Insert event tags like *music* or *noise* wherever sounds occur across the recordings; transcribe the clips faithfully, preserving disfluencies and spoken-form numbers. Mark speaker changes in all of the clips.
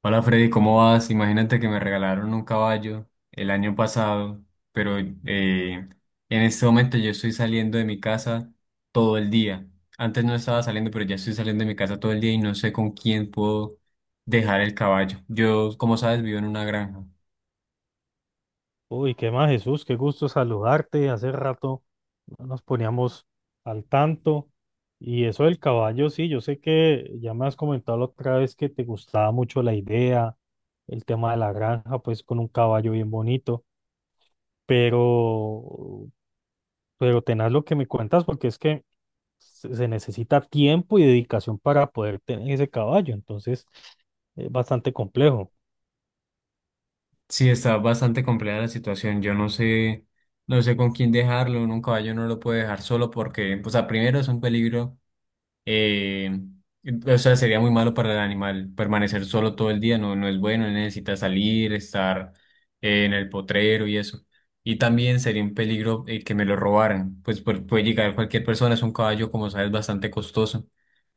Speaker 1: Hola Freddy, ¿cómo vas? Imagínate que me regalaron un caballo el año pasado, pero eh, en este momento yo estoy saliendo de mi casa todo el día. Antes no estaba saliendo, pero ya estoy saliendo de mi casa todo el día y no sé con quién puedo dejar el caballo. Yo, como sabes, vivo en una granja.
Speaker 2: Uy, qué más, Jesús, qué gusto saludarte. Hace rato no nos poníamos al tanto. Y eso del caballo, sí, yo sé que ya me has comentado la otra vez que te gustaba mucho la idea, el tema de la granja, pues con un caballo bien bonito, pero, pero tenaz lo que me cuentas porque es que se se necesita tiempo y dedicación para poder tener ese caballo. Entonces, eh, bastante complejo.
Speaker 1: Sí, está bastante compleja la situación. Yo no sé, no sé con quién dejarlo. Uno, Un caballo no lo puede dejar solo porque, o sea, primero es un peligro. Eh, o sea, sería muy malo para el animal permanecer solo todo el día, no, no es bueno, él necesita salir, estar eh, en el potrero y eso. Y también sería un peligro, eh, que me lo robaran, pues pu- puede llegar cualquier persona, es un caballo, como sabes, bastante costoso.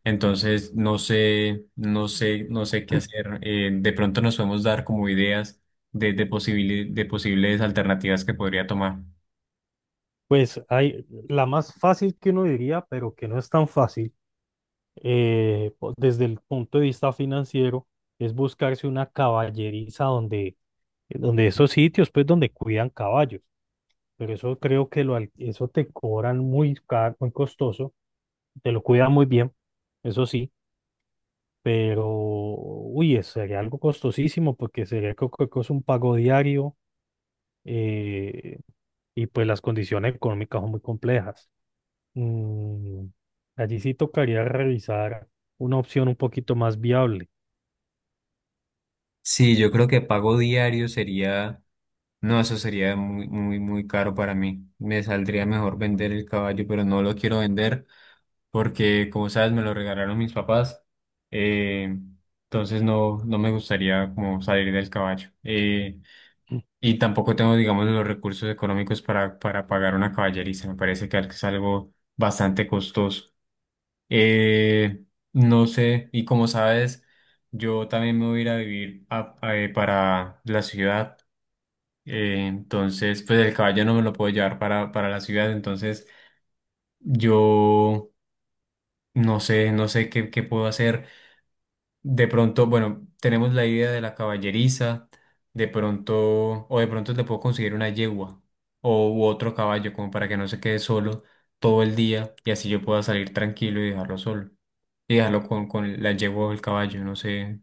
Speaker 1: Entonces, no sé, no sé, no sé qué hacer. Eh, de pronto nos podemos dar como ideas de, de, posibili- de posibles alternativas que podría tomar.
Speaker 2: Pues hay la más fácil que uno diría, pero que no es tan fácil eh, po- desde el punto de vista financiero, es buscarse una caballeriza donde, donde esos sitios, pues donde cuidan caballos, pero eso creo que lo, al- eso te cobran muy caro, muy costoso, te lo cuidan muy bien, eso sí, pero, uy, eso sería algo costosísimo porque sería creo que co- co- es un pago diario eh, y pues las condiciones económicas son muy complejas. Mm, allí sí tocaría revisar una opción un poquito más viable.
Speaker 1: Sí, yo creo que pago diario sería... No, eso sería muy, muy, muy caro para mí. Me saldría mejor vender el caballo, pero no lo quiero vender porque, como sabes, me lo regalaron mis papás. Eh, entonces no, no me gustaría como salir del caballo. Eh,
Speaker 2: Mm,
Speaker 1: y tampoco tengo, digamos, los recursos económicos para, para pagar una caballeriza. Me parece que es algo bastante costoso. Eh, no sé, y como sabes, yo también me voy a ir a vivir a- a- eh, para la ciudad. Eh, entonces, pues el caballo no me lo puedo llevar para, para la ciudad, entonces yo no sé, no sé qué, qué puedo hacer. De pronto, bueno, tenemos la idea de la caballeriza, de pronto, o de pronto le puedo conseguir una yegua o u otro caballo, como para que no se quede solo todo el día y así yo pueda salir tranquilo y dejarlo solo. Y dejarlo con, con la yegua o el caballo, no sé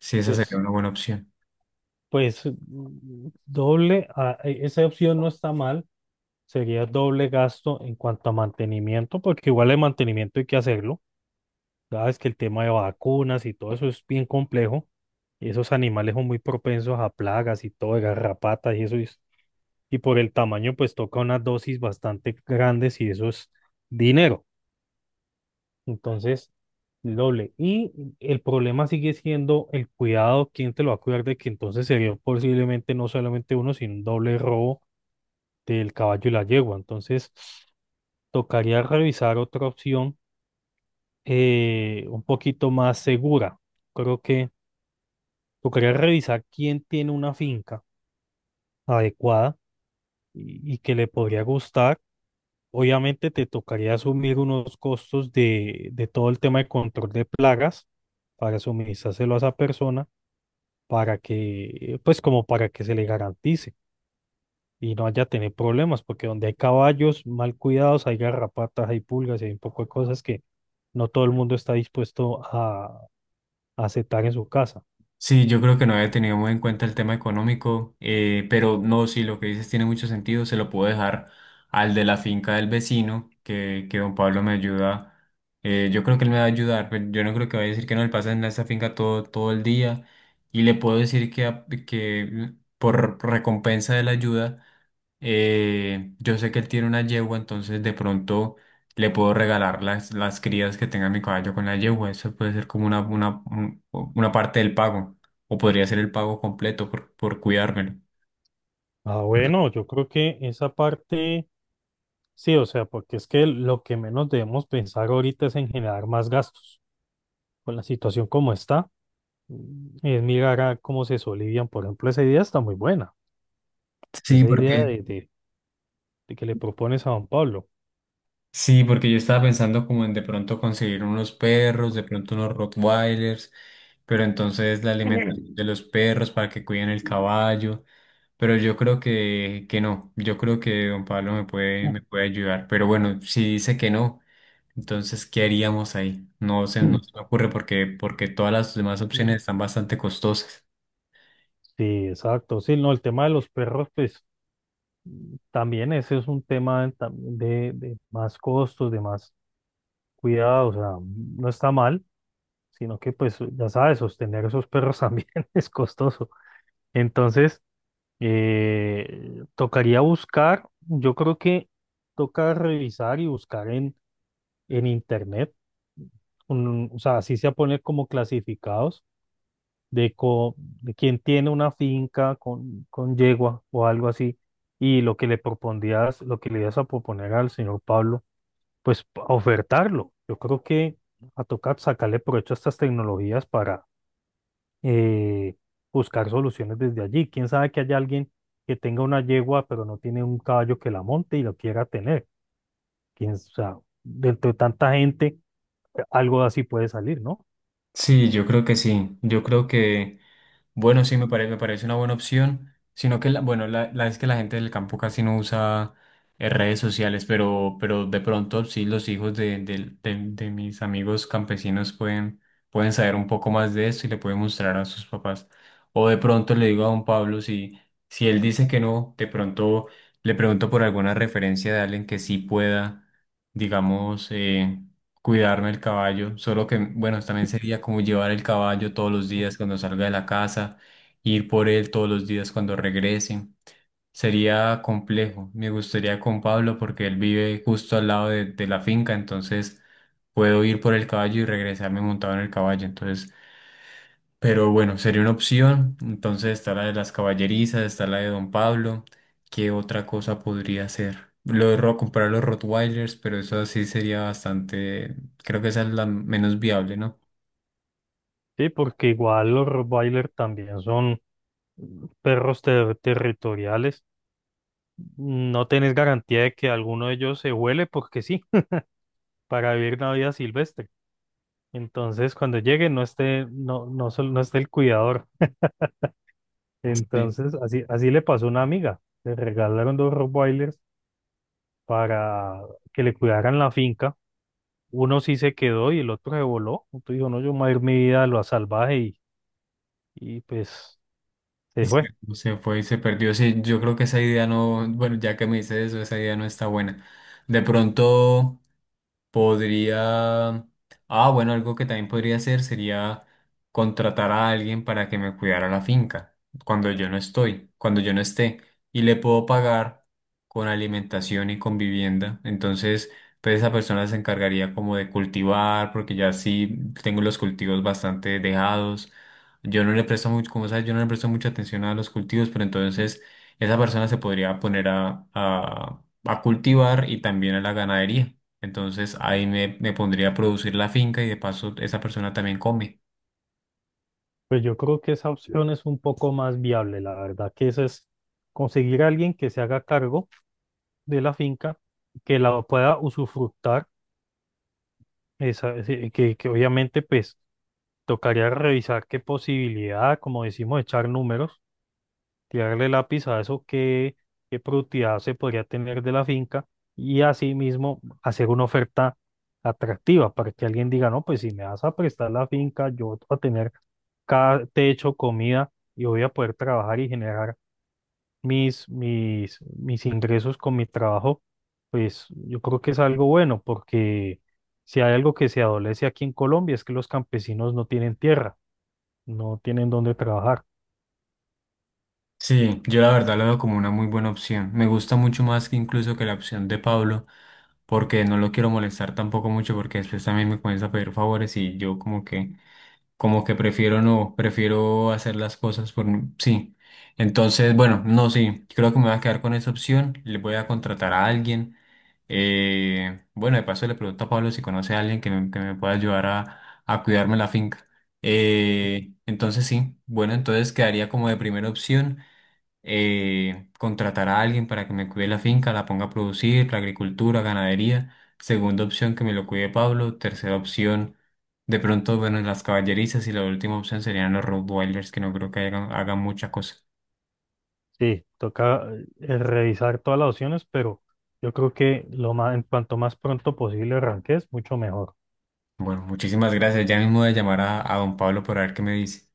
Speaker 1: si esa sería
Speaker 2: Pues,
Speaker 1: una buena opción.
Speaker 2: pues mm, doble, ah, e- esa opción no está mal, sería doble gasto en cuanto a mantenimiento, porque igual el mantenimiento hay que hacerlo. Sabes que el tema de vacunas y todo eso es bien complejo. Esos animales son muy propensos a plagas y todo, de garrapatas y eso. Y, y por el tamaño, pues toca unas dosis bastante grandes y eso es dinero. Entonces, el doble. Y el problema sigue siendo el cuidado, quién te lo va a cuidar de que entonces sería posiblemente no solamente uno, sino un doble robo del caballo y la yegua. Entonces, tocaría revisar otra opción eh, un poquito más segura. Creo que tocaría revisar quién tiene una finca adecuada y, y que le podría gustar. Obviamente te tocaría asumir unos costos de, de todo el tema de control de plagas para suministrárselo a esa persona para que, pues como para que se le garantice y no haya tener problemas, porque donde hay caballos mal cuidados, hay garrapatas, hay pulgas y hay un poco de cosas que no todo el mundo está dispuesto a, a aceptar en su casa.
Speaker 1: Sí, yo creo que no había tenido muy en cuenta el tema económico, eh, pero no, sí, lo que dices tiene mucho sentido, se lo puedo dejar al de la finca del vecino, que, que don Pablo me ayuda, eh, yo creo que él me va a ayudar, pero yo no creo que vaya a decir que no le pasa en esa finca todo, todo el día, y le puedo decir que, a- que por recompensa de la ayuda eh, yo sé que él tiene una yegua, entonces de pronto le puedo regalar las, las crías que tenga mi caballo con la yegua. Eso puede ser como una, una, un- una parte del pago. O podría ser el pago completo por, por cuidármelo.
Speaker 2: Ah, bueno, yo creo que esa parte, sí, o sea, porque es que lo que menos debemos pensar ahorita es en generar más gastos. Con la situación como está, mm, es mirar a cómo se solivian. Por ejemplo, esa idea está muy buena,
Speaker 1: Sí,
Speaker 2: esa idea
Speaker 1: porque
Speaker 2: de, de de que le propones a don Pablo.
Speaker 1: sí, porque yo estaba pensando como en de pronto conseguir unos perros, de pronto unos Rottweilers, pero entonces la alimentación de los perros para que cuiden el caballo. Pero yo creo que, que no, yo creo que don Pablo me puede, me puede
Speaker 2: *clears throat*
Speaker 1: ayudar. Pero bueno, si dice que no. Entonces, ¿qué haríamos ahí? No se, no se me ocurre porque, porque todas las demás
Speaker 2: Mm,
Speaker 1: opciones están bastante costosas.
Speaker 2: Sí, exacto. Sí, no, el tema de los perros, pues también ese es un tema también de, de más costos, de más cuidado. O sea, mm, no está mal, sino que pues ya sabes, sostener esos perros también *laughs* es costoso. Entonces, eh, tocaría buscar, yo creo que toca revisar y buscar en, en internet, un- o sea, así se pone como clasificados de, co- de quien tiene una finca con, con yegua o algo así, y lo que le propondías, lo que le ibas a proponer al señor Pablo, pues p- ofertarlo. Yo creo que a tocar sacarle provecho a estas tecnologías para eh, buscar soluciones desde allí. Quién sabe que haya alguien que tenga una yegua, pero no tiene un caballo que la monte y lo quiera tener. Quién, o sea, dentro de tanta gente, algo así puede salir, ¿no?
Speaker 1: Sí, yo creo que sí. Yo creo que... Bueno, sí, me parece, me parece una buena opción, sino que, la- bueno, la, la es que la gente del campo casi no usa eh, redes sociales, pero, pero de pronto sí los hijos de, de de- de mis amigos campesinos pueden, pueden saber un poco más de esto y le pueden mostrar a sus papás. O de pronto le digo a don Pablo, si, si él dice que no, de pronto le pregunto por alguna referencia de alguien que sí pueda, digamos, eh, cuidarme el caballo, solo que, bueno, también sería como llevar el caballo todos los días cuando salga de la casa, ir por él todos los días cuando regrese. Sería complejo. Me gustaría con Pablo porque él vive justo al lado de, de la finca, entonces puedo ir por el caballo y regresarme montado en el caballo. Entonces pero bueno, sería una opción. Entonces está la de las caballerizas, está la de don Pablo. ¿Qué otra cosa podría ser? Lo de ro- comprar los Rottweilers, pero eso sí sería bastante. Creo que esa es la menos viable, ¿no?
Speaker 2: Sí, porque igual los Rottweiler también son perros ter- territoriales, no tenés garantía de que alguno de ellos se huele porque sí, *laughs* para vivir una vida silvestre. Entonces, cuando llegue, no esté, no, no, sol- no esté el cuidador.
Speaker 1: Sí.
Speaker 2: Entonces, así, así le pasó a una amiga. Le regalaron dos Rottweilers para que le cuidaran la finca. Uno sí se quedó y el otro se voló. Entonces dijo, no, yo me voy a ir mi vida a lo salvaje y, y pues
Speaker 1: Y
Speaker 2: se
Speaker 1: se,
Speaker 2: fue.
Speaker 1: se fue y se perdió. Sí, yo creo que esa idea no. Bueno, ya que me dices eso, esa idea no está buena. De pronto. Podría... Ah, bueno, algo que también podría hacer sería contratar a alguien para que me cuidara la finca cuando yo no estoy, cuando yo no esté. Y le puedo pagar con alimentación y con vivienda. Entonces, pues esa persona se encargaría como de cultivar, porque ya sí tengo los cultivos bastante dejados. Yo no le presto mucho, como sabes, yo no le presto mucha atención a los cultivos, pero entonces esa persona se podría poner a, a, a cultivar y también a la ganadería. Entonces ahí me, me pondría a producir la finca y de paso esa persona también come.
Speaker 2: Pues yo creo que esa opción es un poco más viable, la verdad, que esa es conseguir a alguien que se haga cargo de la finca, que la pueda usufructar, esa, ese- que, que obviamente pues tocaría revisar qué posibilidad, como decimos, echar números tirarle lápiz a eso que qué productividad se podría tener de la finca y asimismo hacer una oferta atractiva para que alguien diga, no, pues si me vas a prestar la finca, yo voy a tener cada techo, comida y voy a poder trabajar y generar mis, mis, mis ingresos con mi trabajo, pues yo creo que es algo bueno porque si hay algo que se adolece aquí en Colombia es que los campesinos no tienen tierra, no tienen dónde trabajar.
Speaker 1: Sí, yo la verdad lo veo como una muy buena opción. Me gusta mucho más que incluso que la opción de Pablo, porque no lo quiero molestar tampoco mucho porque después también me comienza a pedir favores y yo como que como que prefiero no, prefiero hacer las cosas por mí. Sí. Entonces, bueno, no, sí, creo que me voy a quedar con esa opción. Le voy a contratar a alguien. Eh, bueno, de paso le pregunto a Pablo si conoce a alguien que me, que me pueda ayudar a, a cuidarme la finca. Eh, entonces, sí, bueno, entonces quedaría como de primera opción eh, contratar a alguien para que me cuide la finca, la ponga a producir, la agricultura, ganadería. Segunda opción, que me lo cuide Pablo. Tercera opción, de pronto, bueno, las caballerizas. Y la última opción serían los Rottweilers, que no creo que hagan, hagan mucha cosa.
Speaker 2: Sí, toca eh, eh, revisar todas las opciones, pero yo creo que lo más, en cuanto más pronto posible arranques, mucho mejor.
Speaker 1: Bueno, muchísimas gracias. Ya mismo voy a llamar a, a don Pablo por ver qué me dice.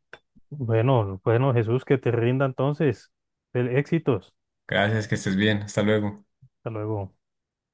Speaker 2: Bueno, bueno, Jesús, que te rinda entonces. Fel- Éxitos.
Speaker 1: Gracias, que estés bien. Hasta luego.
Speaker 2: Hasta luego.